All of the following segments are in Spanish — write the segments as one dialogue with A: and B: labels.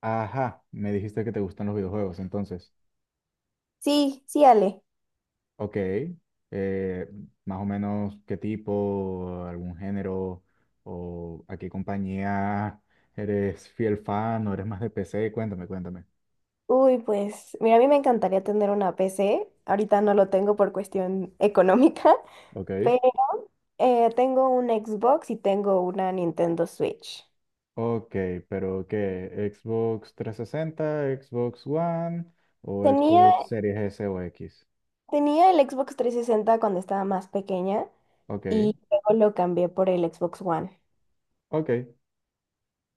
A: Ajá, me dijiste que te gustan los videojuegos, entonces.
B: Sí, sí, Ale.
A: Ok, eh, más o menos qué tipo, algún género o a qué compañía eres fiel fan, o eres más de PC. Cuéntame, cuéntame.
B: Uy, pues mira, a mí me encantaría tener una PC. Ahorita no lo tengo por cuestión económica,
A: Ok,
B: pero tengo un Xbox y tengo una Nintendo Switch.
A: ok, pero ¿qué? ¿Xbox trescientos sesenta, Xbox One o
B: Tenía,
A: Xbox Series S o X?
B: tenía el Xbox 360 cuando estaba más pequeña
A: Ok,
B: y luego lo cambié por el Xbox One.
A: ok,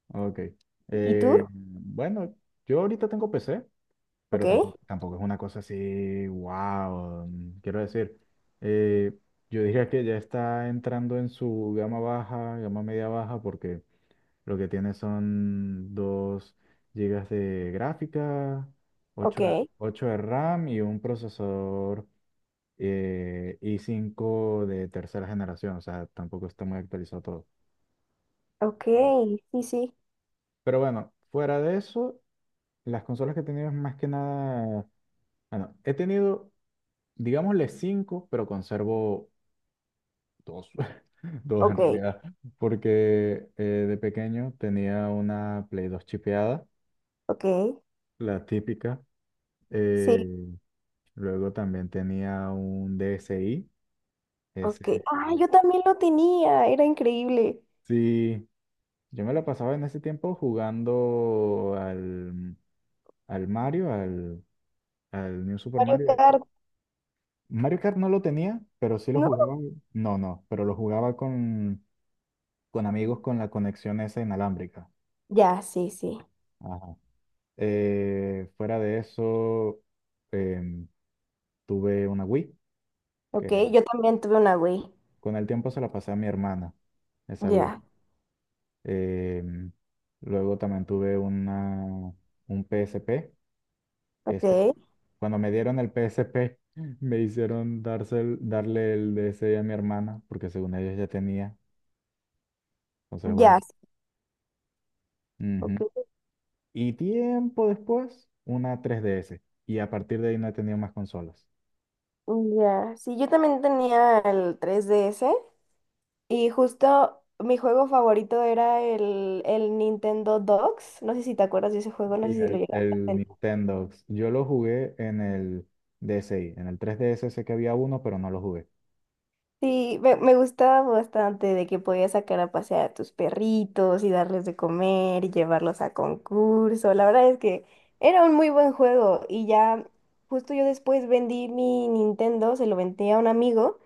A: ok.
B: ¿Y tú?
A: Eh, bueno, yo ahorita tengo PC,
B: Ok,
A: pero tampoco es una cosa así, wow, quiero decir. eh, yo diría que ya está entrando en su gama baja, gama media baja, porque lo que tiene son 2 gigas de gráfica, ocho de
B: ok,
A: 8 de RAM y un procesador i cinco de tercera generación. O sea, tampoco está muy actualizado todo.
B: ok, sí, sí,
A: Pero bueno, fuera de eso, las consolas que he tenido es más que nada... Bueno, he tenido digámosle cinco, pero conservo dos, dos en
B: ok,
A: realidad, porque de pequeño tenía una Play 2 chipeada,
B: ok,
A: la típica.
B: sí,
A: eh, Luego también tenía un DSi.
B: ok.
A: Ese.
B: Ah, yo también lo tenía, era increíble.
A: Sí, yo me la pasaba en ese tiempo jugando al Mario, al New Super
B: Mario
A: Mario.
B: Kart,
A: Mario Kart no lo tenía, pero sí lo
B: ¿no?
A: jugaba. No, no, pero lo jugaba con amigos, con la conexión esa inalámbrica.
B: Ya, sí, sí.
A: Ajá. Fuera de eso, em, tuve una Wii
B: Ok,
A: que
B: yo también tuve una Wii.
A: con el tiempo se la pasé a mi hermana, esa Wii.
B: Ya,
A: Em, Luego también tuve un PSP. Este,
B: ok.
A: cuando me dieron el PSP, me hicieron darle el DS a mi hermana, porque según ellos ya tenía. Entonces, bueno.
B: Ya, sí,
A: Ujú.
B: ok.
A: Y tiempo después, una 3DS. Y a partir de ahí no he tenido más consolas.
B: Ya, sí, yo también tenía el 3DS y justo mi juego favorito era el Nintendo Dogs. No sé si te acuerdas de ese juego,
A: Sí,
B: no sé si lo llegaste a
A: el
B: tener.
A: Nintendo. Yo lo jugué en el DSi. En el 3DS sé que había uno, pero no lo jugué.
B: Sí, me gustaba bastante de que podías sacar a pasear a tus perritos y darles de comer y llevarlos a concurso. La verdad es que era un muy buen juego y ya justo yo después vendí mi Nintendo, se lo vendí a un amigo.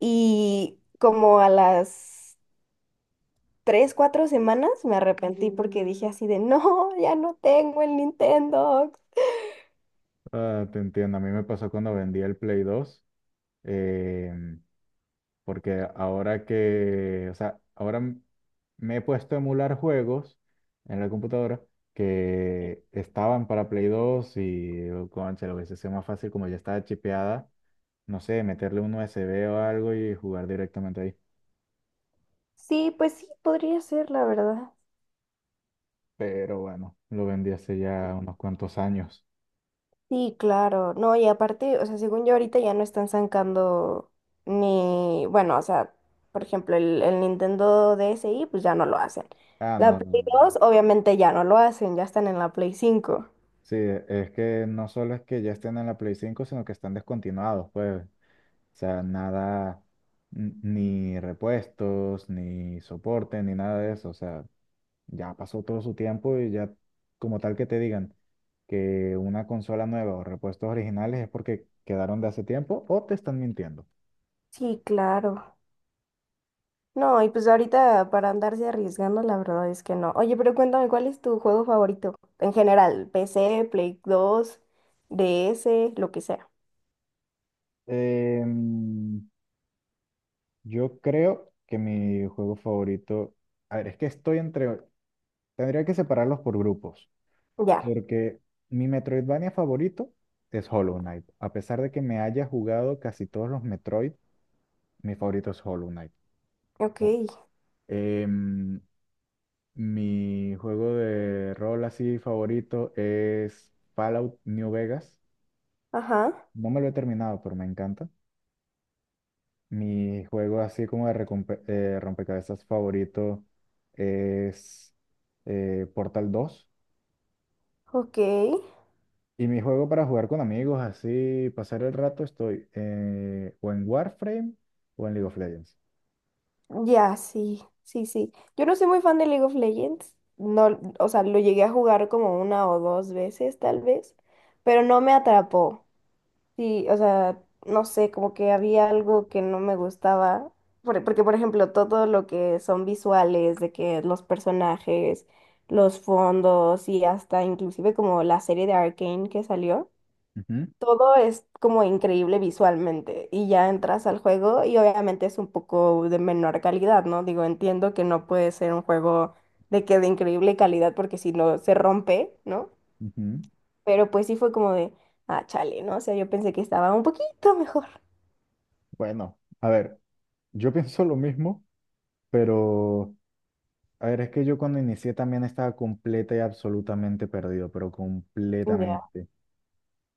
B: Y como a las tres, cuatro semanas me arrepentí porque dije así de, no, ya no tengo el Nintendo.
A: Ah, te entiendo. A mí me pasó cuando vendí el Play dos, em, porque ahora que, o sea, me he puesto a emular juegos en la computadora que estaban para Play 2 y, oh, concha, lo hubiese sido más fácil como ya estaba chipeada. No sé, meterle un USB o algo y jugar directamente ahí.
B: Sí, pues sí, podría ser, la verdad.
A: Pero bueno, lo vendí hace ya unos cuantos años.
B: Sí, claro. No, y aparte, o sea, según yo ahorita ya no están sacando ni, bueno, o sea, por ejemplo, el Nintendo DSi, pues ya no lo hacen.
A: Ah,
B: La
A: no,
B: Play
A: no.
B: dos obviamente ya no lo hacen, ya están en la Play 5.
A: Sí, es que no solo es que ya estén en la Play cinco, sino que están descontinuados, pues. O sea, nada, ni repuestos, ni soporte, ni nada de eso. O sea, ya pasó todo su tiempo y ya, como tal que te digan que una consola nueva o repuestos originales es porque quedaron de hace tiempo o te están mintiendo.
B: Sí, claro. No, y pues ahorita para andarse arriesgando, la verdad es que no. Oye, pero cuéntame, ¿cuál es tu juego favorito? En general, PC, Play 2, DS, lo que sea.
A: Em, yo creo que mi juego favorito, a ver, es que estoy entre, tendría que separarlos por grupos.
B: Ya,
A: Porque mi Metroidvania favorito es Hollow Knight. A pesar de que me haya jugado casi todos los Metroid, mi favorito es Hollow Knight.
B: ok,
A: Oh. Em, Mi juego de rol así favorito es Fallout New Vegas.
B: ajá,
A: No me lo he terminado, pero me encanta. Mi juego así como rompecabezas favorito es Portal dos.
B: ok.
A: Y mi juego para jugar con amigos, así, pasar el rato, estoy o en Warframe o en League of Legends.
B: Ya, sí, sí, sí. Yo no soy muy fan de League of Legends. No, o sea, lo llegué a jugar como una o dos veces, tal vez, pero no me atrapó. Sí, o sea, no sé, como que había algo que no me gustaba, porque por ejemplo, todo lo que son visuales, de que los personajes, los fondos y hasta inclusive como la serie de Arcane que salió,
A: Ujú,
B: todo es como increíble visualmente y ya entras al juego y obviamente es un poco de menor calidad, ¿no? Digo, entiendo que no puede ser un juego de que de increíble calidad porque si no se rompe, ¿no?
A: ujú.
B: Pero pues sí fue como de, ah, chale, ¿no? O sea, yo pensé que estaba un poquito mejor.
A: Bueno, a ver, yo pienso lo mismo, pero a ver, es que yo cuando inicié también estaba completa y absolutamente perdido, pero
B: Ya,
A: completamente.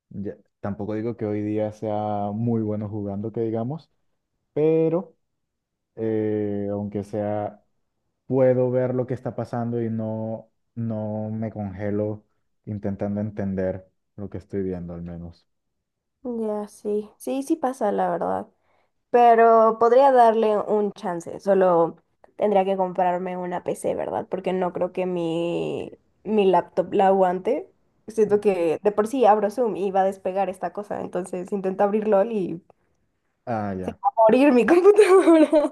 A: Ya, tampoco digo que hoy día sea muy bueno jugando, que digamos, pero aunque sea puedo ver lo que está pasando y no, no me congelo intentando entender lo que estoy viendo al menos.
B: ya, sí. Sí, sí pasa, la verdad. Pero podría darle un chance. Solo tendría que comprarme una PC, ¿verdad? Porque no creo que mi laptop la aguante. Siento que de por sí abro Zoom y va a despegar esta cosa. Entonces intento abrir LOL y
A: Ah,
B: se
A: ya.
B: va a morir mi computadora.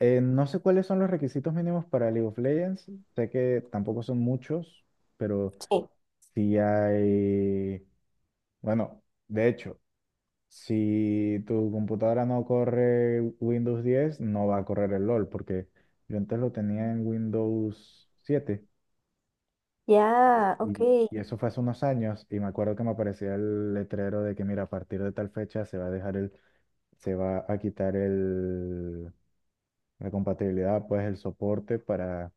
A: No sé cuáles son los requisitos mínimos para League of Legends. Sé que tampoco son muchos, pero
B: Sí.
A: sí hay... Bueno, de hecho, si tu computadora no corre Windows 10, no va a correr el LOL, porque yo antes lo tenía en Windows 7.
B: Ya, ok,
A: Y eso fue hace unos años y me acuerdo que me aparecía el letrero de que, mira, a partir de tal fecha se va a quitar la compatibilidad, pues el soporte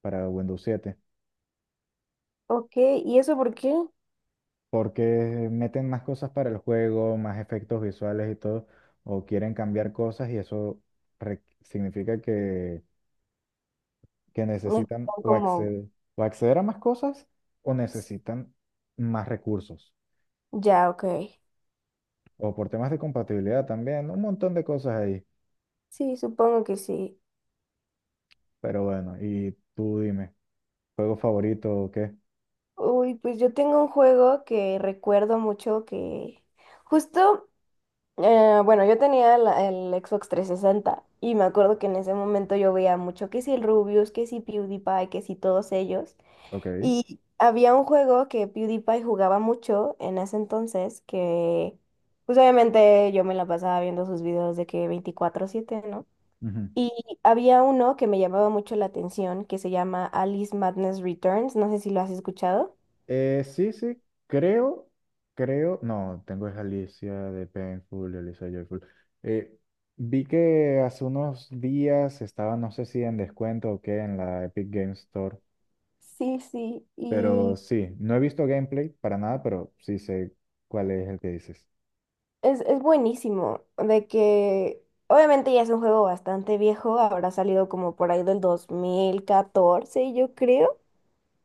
A: para Windows 7,
B: ok. ¿Y eso por qué?
A: porque meten más cosas para el juego, más efectos visuales y todo, o quieren cambiar cosas y eso significa que necesitan
B: Necesitan como...
A: o acceder a más cosas o necesitan más recursos,
B: Ya, ok.
A: o por temas de compatibilidad también, un montón de cosas ahí.
B: Sí, supongo que sí.
A: Pero bueno, y tú dime, ¿juego favorito o qué?
B: Uy, pues yo tengo un juego que recuerdo mucho que justo, bueno, yo tenía el Xbox 360 y me acuerdo que en ese momento yo veía mucho que si el Rubius, que si PewDiePie, que si todos ellos.
A: Ok.
B: Y había un juego que PewDiePie jugaba mucho en ese entonces que, pues obviamente yo me la pasaba viendo sus videos de que 24/7, ¿no?
A: Ujú.
B: Y había uno que me llamaba mucho la atención, que se llama Alice Madness Returns, no sé si lo has escuchado.
A: Sí, sí, creo, creo, no, tengo es Alicia de Painful, Alicia Joyful. Eh, Vi que hace unos días estaba, no sé si en descuento o qué, en la Epic Game Store,
B: Sí, sí,
A: pero
B: y
A: sí, no he visto gameplay para nada, pero sí sé cuál es el que dices.
B: es buenísimo, de que obviamente ya es un juego bastante viejo, habrá salido como por ahí del 2014, yo creo,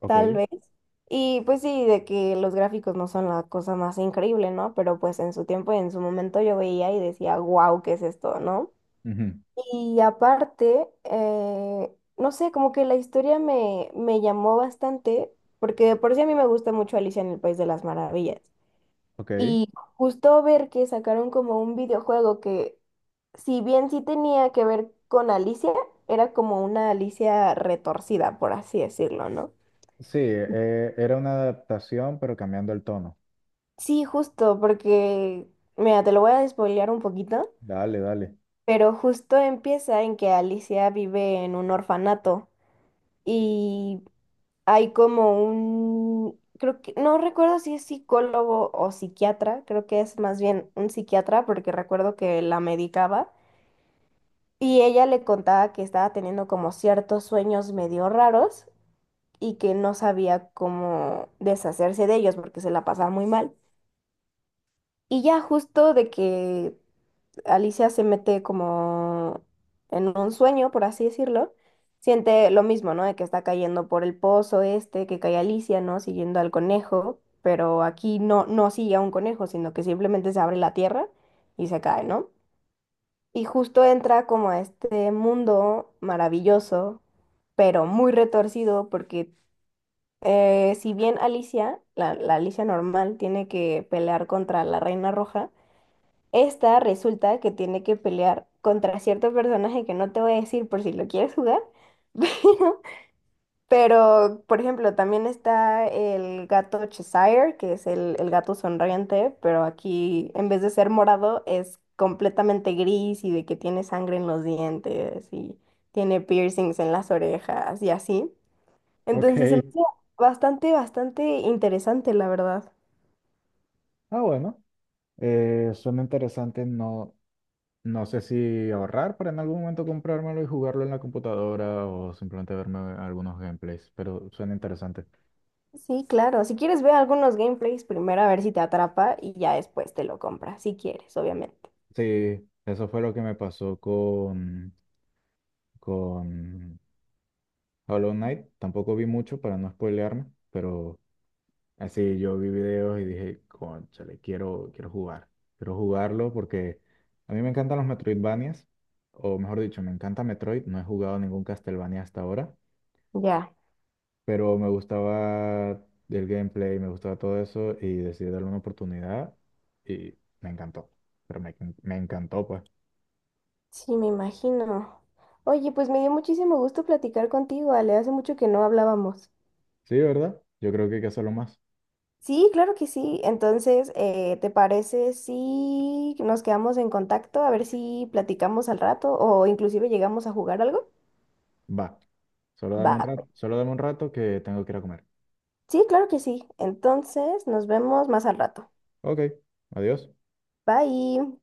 A: Ok,
B: tal vez. Y pues sí, de que los gráficos no son la cosa más increíble, ¿no? Pero pues en su tiempo y en su momento yo veía y decía, wow, ¿qué es esto? No.
A: ujú,
B: Y aparte, no sé, como que la historia me llamó bastante, porque de por sí a mí me gusta mucho Alicia en el País de las Maravillas.
A: ok.
B: Y justo ver que sacaron como un videojuego que, si bien sí tenía que ver con Alicia, era como una Alicia retorcida, por así decirlo, ¿no?
A: Sí, era una adaptación, pero cambiando el tono.
B: Sí, justo, porque, mira, te lo voy a despoilear un poquito,
A: Dale, dale.
B: pero justo empieza en que Alicia vive en un orfanato. Y hay como un, creo que, no recuerdo si es psicólogo o psiquiatra, creo que es más bien un psiquiatra porque recuerdo que la medicaba y ella le contaba que estaba teniendo como ciertos sueños medio raros y que no sabía cómo deshacerse de ellos porque se la pasaba muy mal. Y ya justo de que Alicia se mete como en un sueño, por así decirlo, siente lo mismo, ¿no? De que está cayendo por el pozo este, que cae Alicia, ¿no? Siguiendo al conejo, pero aquí no, no sigue a un conejo, sino que simplemente se abre la tierra y se cae, ¿no? Y justo entra como a este mundo maravilloso, pero muy retorcido, porque si bien Alicia, la Alicia normal, tiene que pelear contra la Reina Roja, esta resulta que tiene que pelear contra cierto personaje que no te voy a decir por si lo quieres jugar, pero, por ejemplo, también está el gato Cheshire, que es el gato sonriente, pero aquí en vez de ser morado es completamente gris y de que tiene sangre en los dientes y tiene piercings en las orejas y así.
A: Ok.
B: Entonces se me hace bastante, bastante interesante, la verdad.
A: Ah, bueno, suena interesante. No, no sé si ahorrar para en algún momento comprármelo y jugarlo en la computadora o simplemente verme algunos gameplays, pero suena interesante.
B: Sí, claro. Si quieres, ve algunos gameplays primero a ver si te atrapa y ya después te lo compras, si quieres, obviamente.
A: Sí, eso fue lo que me pasó con Hollow Knight. Tampoco vi mucho para no spoilearme, pero así yo vi videos y dije, cónchale, quiero, quiero jugar. Quiero jugarlo porque a mí me encantan los Metroidvanias, o mejor dicho, me encanta Metroid. No he jugado ningún Castlevania hasta ahora.
B: Ya,
A: Pero me gustaba el gameplay, me gustaba todo eso y decidí darle una oportunidad y me encantó, pero me encantó pues.
B: sí, me imagino. Oye, pues me dio muchísimo gusto platicar contigo, Ale. Hace mucho que no hablábamos.
A: Sí, ¿verdad? Yo creo que hay que hacerlo más.
B: Sí, claro que sí. Entonces, ¿te parece si nos quedamos en contacto? A ver si platicamos al rato o inclusive llegamos a jugar algo.
A: Va, solo dame un
B: Va.
A: rato, solo dame un rato que tengo que ir a comer.
B: Sí, claro que sí. Entonces, nos vemos más al rato.
A: Ok, adiós.
B: Bye.